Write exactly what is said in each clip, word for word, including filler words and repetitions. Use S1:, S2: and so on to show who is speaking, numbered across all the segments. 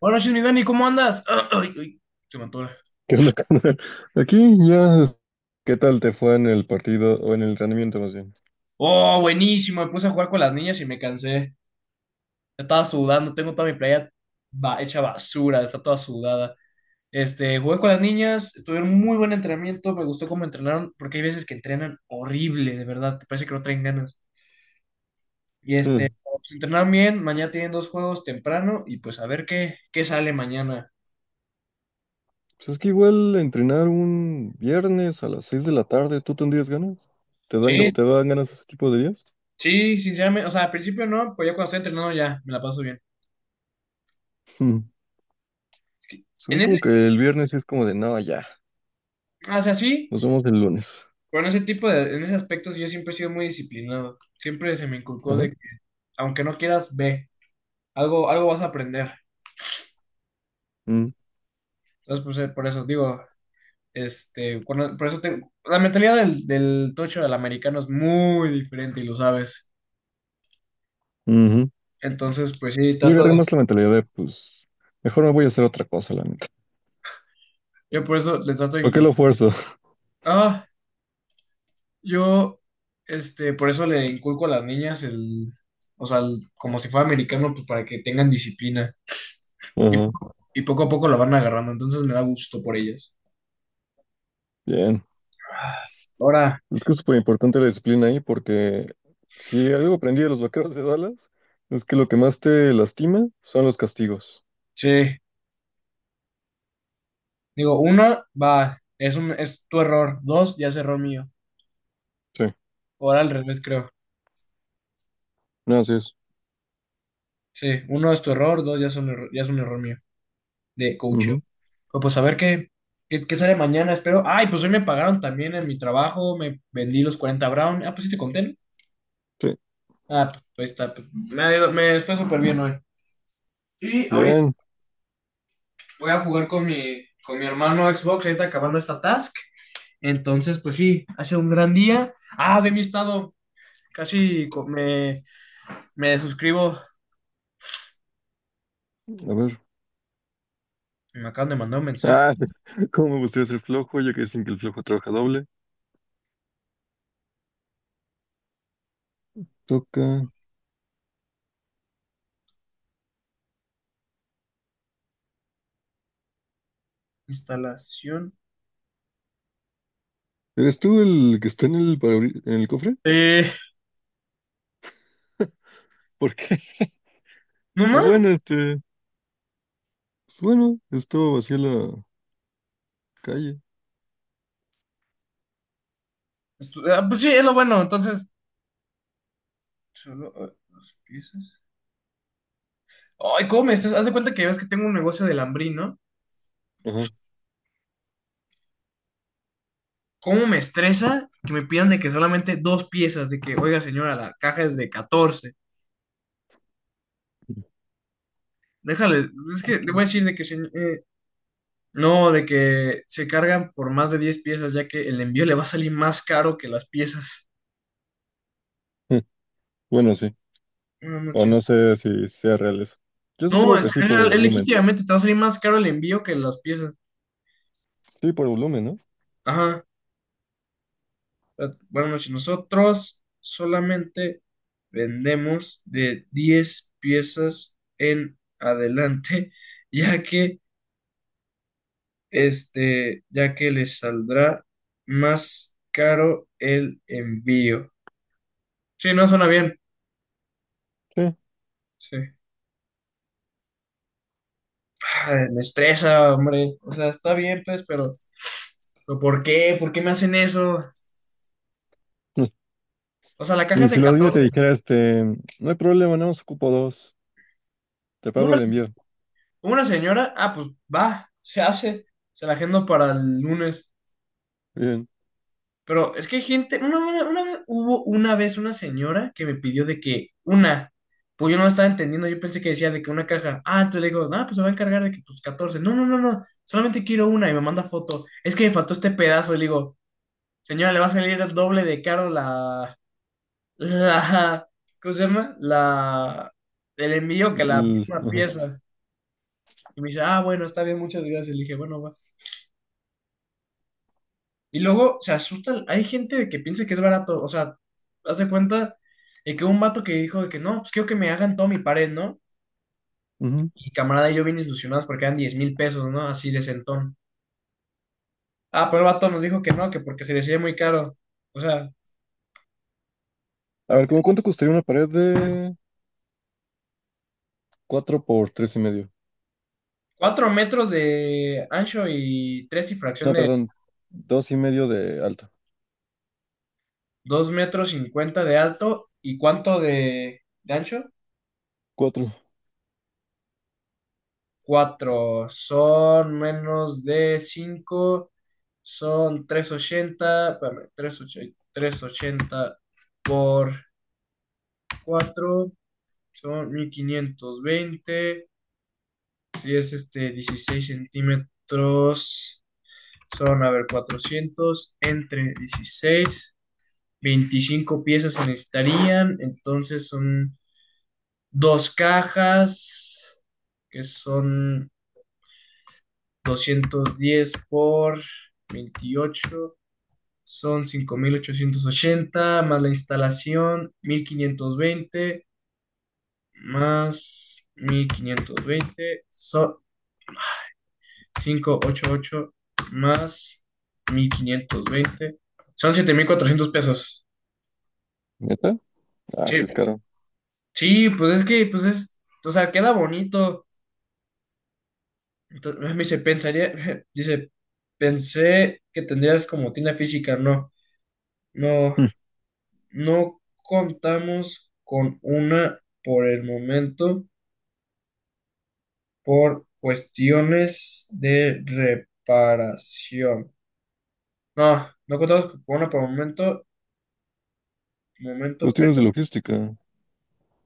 S1: Buenas noches, mi Dani, ¿cómo andas? Ay, ay, se me atora.
S2: ¿Qué onda, carnal? Aquí ya, ¿qué tal te fue en el partido o en el entrenamiento más bien?
S1: Oh, buenísimo, me puse a jugar con las niñas y me cansé. Estaba sudando, tengo toda mi playa ba- hecha basura, está toda sudada. Este, jugué con las niñas, tuvieron muy buen entrenamiento, me gustó cómo entrenaron, porque hay veces que entrenan horrible, de verdad, te parece que no traen ganas. Y este,
S2: Mm.
S1: pues entrenaron bien, mañana tienen dos juegos temprano y pues a ver qué, qué sale mañana.
S2: Pues es que igual entrenar un viernes a las seis de la tarde, ¿tú tendrías ganas? ¿Te dan, ga-
S1: Sí,
S2: te dan ganas ese tipo de días?
S1: sí, sinceramente, o sea, al principio no, pues ya cuando estoy entrenando ya me la paso bien.
S2: Mm.
S1: Es que
S2: Pues a
S1: en
S2: mí
S1: ese,
S2: como que el viernes sí es como de, no, ya,
S1: o sea, sí.
S2: nos vemos el lunes.
S1: Pero en ese tipo de, en ese aspecto sí, yo siempre he sido muy disciplinado. Siempre se me inculcó
S2: Ajá.
S1: de que, aunque no quieras, ve, algo, algo vas a aprender.
S2: Mm.
S1: Entonces, pues, eh, por eso digo, este, cuando- por eso te- la mentalidad del, del tocho del americano es muy diferente y lo sabes.
S2: Ujú.
S1: Entonces, pues sí,
S2: Yo
S1: trato
S2: agarré
S1: de,
S2: más la mentalidad de, pues, mejor me voy a hacer otra cosa, la neta.
S1: yo por eso les trato de
S2: ¿Por qué lo
S1: inculcar.
S2: fuerzo?
S1: Ah, yo, este, por eso le inculco a las niñas el, o sea, el- como si fuera americano, pues para que tengan disciplina. Y,
S2: Ajá.
S1: poco- y poco a poco la van agarrando, entonces me da gusto por ellas.
S2: Bien.
S1: Ahora,
S2: Es que es súper importante la disciplina ahí porque si algo aprendí de los vaqueros de Dallas es que lo que más te lastima son los castigos.
S1: sí. Digo, uno, va, es un, es tu error. Dos, ya es error mío.
S2: Sí,
S1: Ahora al revés, creo.
S2: no, así es.
S1: Sí, uno es tu error, dos ya es un error, ya es un error mío de coaching.
S2: Ujú.
S1: Pues, pues a ver qué, qué, qué sale mañana, espero. Ay, pues hoy me pagaron también en mi trabajo, me vendí los cuarenta Brown. Ah, pues sí te conté, ¿no?
S2: Sí,
S1: Ah, pues ahí está. Pues, me, ha ido- me fue súper bien hoy. Y ahorita
S2: bien,
S1: voy a jugar con mi, con mi hermano Xbox, ahorita acabando esta task. Entonces, pues sí, ha sido un gran día. Ah, ve mi estado. Casi co- me, Me suscribo.
S2: a ver.
S1: Me acaban de mandar un mensaje.
S2: Ah, ¿cómo me gustaría ser flojo? Ya que dicen que el flojo trabaja doble. Toca.
S1: Instalación.
S2: ¿Eres tú el que está en el, parabrisa- en el cofre?
S1: Eh,
S2: ¿Por qué?
S1: ¿No
S2: O
S1: más?
S2: bueno, este, pues bueno, esto vacía la calle.
S1: Estu- ah, pues sí, es lo bueno. Entonces, solo eh, dos piezas. Ay, ¿cómo me estresas? Haz de cuenta que ves que tengo un negocio de lambrín, ¿no?
S2: Ajá.
S1: ¿Cómo me estresa que me pidan de que solamente dos piezas? De que, oiga, señora, la caja es de catorce. Déjale, es que le voy a decir de que... se- eh, no, de que se cargan por más de diez piezas, ya que el envío le va a salir más caro que las piezas.
S2: Mm. Bueno, sí.
S1: Buenas
S2: O no
S1: noches.
S2: sé si sea real eso. Yo
S1: No,
S2: supongo
S1: es,
S2: que sí
S1: es
S2: por el
S1: real, es
S2: volumen.
S1: legítimamente, te va a salir más caro el envío que las piezas.
S2: Sí, por el volumen, ¿no?
S1: Ajá. Eh, Buenas noches. Nosotros solamente vendemos de diez piezas en adelante, ya que este, ya que les saldrá más caro el envío. Sí, no suena bien.
S2: Sí.
S1: Sí. Ay, me estresa, hombre. O sea, está bien, pues, pero, pero ¿por qué? ¿Por qué me hacen eso? O sea, la caja
S2: Y
S1: es de
S2: si los niños te
S1: catorce.
S2: dijera, este, no hay problema, no os ocupo dos, te pago
S1: Una
S2: el envío.
S1: Una señora, ah, pues va, se hace, se la agendo para el lunes.
S2: Bien.
S1: Pero es que hay gente, una, una- una vez- hubo una vez una señora que me pidió de que una, pues yo no la estaba entendiendo, yo pensé que decía de que una caja, ah, entonces le digo, ah, pues se va a encargar de que pues catorce no, no, no, no, solamente quiero una y me manda foto, es que me faltó este pedazo y le digo, señora, le va a salir el doble de caro la, la, ¿cómo se llama? La, el envío que la
S2: L-
S1: misma
S2: ajá,
S1: pieza. Y me dice, ah, bueno, está bien, muchas gracias. Le dije, bueno, va. Y luego se asusta, hay gente de que piensa que es barato, o sea, haz de cuenta de que hubo un vato que dijo de que no, pues quiero que me hagan toda mi pared, ¿no?
S2: ujú.
S1: Y camarada y yo bien ilusionados porque eran diez mil pesos, ¿no? Así de centón. Ah, pero el vato nos dijo que no, que porque se decía muy caro. O sea,
S2: A ver, ¿cómo cuánto costaría una pared de cuatro por tres y medio?
S1: cuatro metros de ancho y tres y fracción
S2: No,
S1: de
S2: perdón, dos y medio de alto.
S1: dos metros cincuenta de alto, ¿y cuánto de, de ancho?
S2: Cuatro.
S1: Cuatro son menos de cinco, son trescientos ochenta, espérame, trescientos ochenta, ochenta por cuatro son mil quinientos veinte, si es este dieciséis centímetros, son, a ver, cuatrocientos entre dieciséis, veinticinco piezas se necesitarían, entonces son dos cajas que son doscientos diez por veintiocho, son cinco mil ochocientos ochenta, más la instalación mil quinientos veinte, más mil quinientos veinte son quinientos ochenta y ocho, más mil quinientos veinte son siete mil cuatrocientos pesos.
S2: ¿Neta? Ah, sí
S1: Sí,
S2: es caro.
S1: sí, pues es que, pues es, o sea, queda bonito. Entonces, me dice, pensaría, dice, pensé que tendrías como tienda física, no, no.
S2: Mm.
S1: No contamos con una por el momento por cuestiones de reparación. No, no contamos con una por el momento, momento,
S2: Cuestiones de
S1: pero,
S2: logística.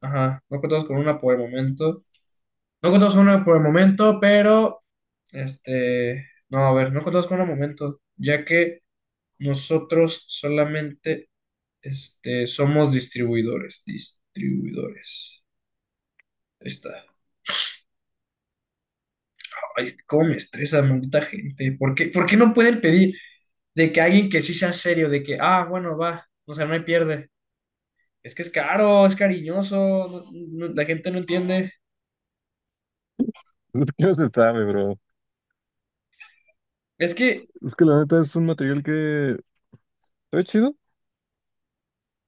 S1: ajá, no contamos con una por el momento. No contamos con una por el momento, pero, este, no, a ver, no contamos con una momento, ya que nosotros solamente, este, somos distribuidores, distribuidores. Ahí está. Ay, cómo me estresa, maldita gente. ¿Por qué, por qué no pueden pedir de que alguien que sí sea serio, de que, ah, bueno, va, o sea, no hay pierde? Es que es caro, es cariñoso, no- no- la gente no entiende.
S2: Es no se sabe, bro.
S1: Es que,
S2: Es que la neta es un material que está chido,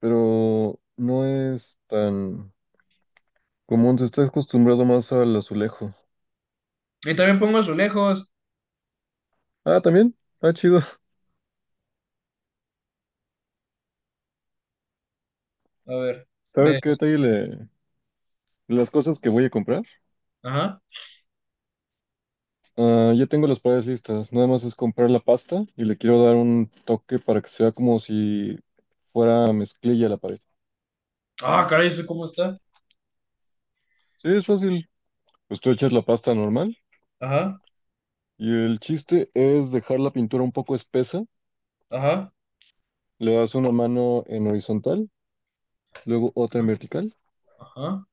S2: pero no es tan común. Se está acostumbrado más al azulejo.
S1: y también pongo azulejos.
S2: Ah, también. Está chido.
S1: A ver, ve,
S2: ¿Sabes qué detalle le? Las cosas que voy a comprar,
S1: ajá.
S2: ah, ya tengo las paredes listas. Nada más es comprar la pasta y le quiero dar un toque para que sea como si fuera mezclilla la pared.
S1: Ah, caray, ¿eso cómo está?
S2: Sí, es fácil. Pues tú echas la pasta normal
S1: Ajá,
S2: y el chiste es dejar la pintura un poco espesa.
S1: ajá,
S2: Le das una mano en horizontal, luego otra en vertical
S1: ajá.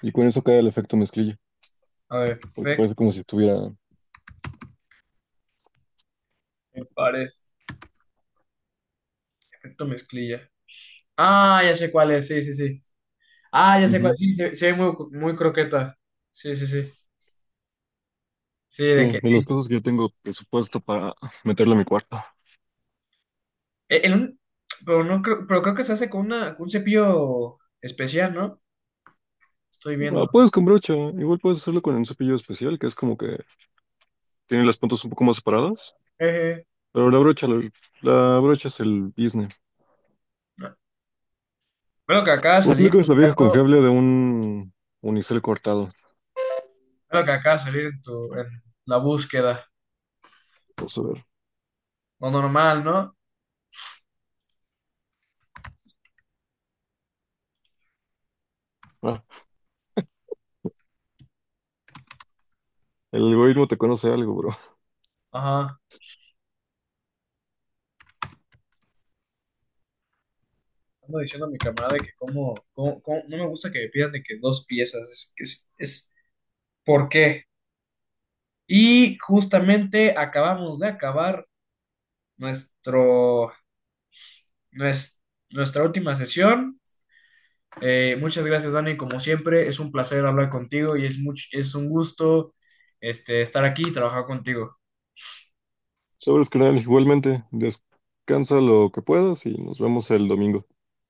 S2: y con eso cae el efecto mezclilla,
S1: A ver,
S2: porque
S1: efecto,
S2: parece como si estuviera.
S1: me parece. Efecto mezclilla. Ah, ya sé cuál es, sí, sí, sí. Ah, ya sé cuál,
S2: Ujú.
S1: sí, se, se ve muy, muy croqueta. Sí, sí, sí. Sí, de
S2: Sí,
S1: que.
S2: de las
S1: Sí.
S2: cosas que yo tengo presupuesto para meterlo a mi cuarto.
S1: E- en un- pero, no creo, pero creo que se hace con, una, con un cepillo especial, ¿no? Estoy
S2: Ah,
S1: viendo.
S2: puedes con brocha, igual puedes hacerlo con un cepillo especial, que es como que tiene las puntas un poco más separadas,
S1: Eje.
S2: pero la brocha, la, la brocha es el business.
S1: No. Que acaba de
S2: O
S1: salir
S2: aplicas la vieja
S1: buscando.
S2: confiable de un unicel cortado.
S1: Ve que acaba de salir en, tu, en la búsqueda.
S2: Vamos a ver.
S1: Lo normal, ¿no?
S2: Ah, el algoritmo te conoce algo, bro.
S1: Ajá. Ando diciendo a mi camarada que como, como, como- no me gusta que me pidan de que dos piezas. Es, es, es ¿por qué? Y justamente acabamos de acabar nuestro, nues- nuestra última sesión. Eh, muchas gracias, Dani. Como siempre, es un placer hablar contigo y es much- es un gusto este, estar aquí y trabajar contigo.
S2: Sabes, carnal, igualmente, descansa lo que puedas y nos vemos el domingo.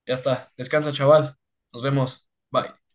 S1: Ya está. Descansa, chaval. Nos vemos. Bye.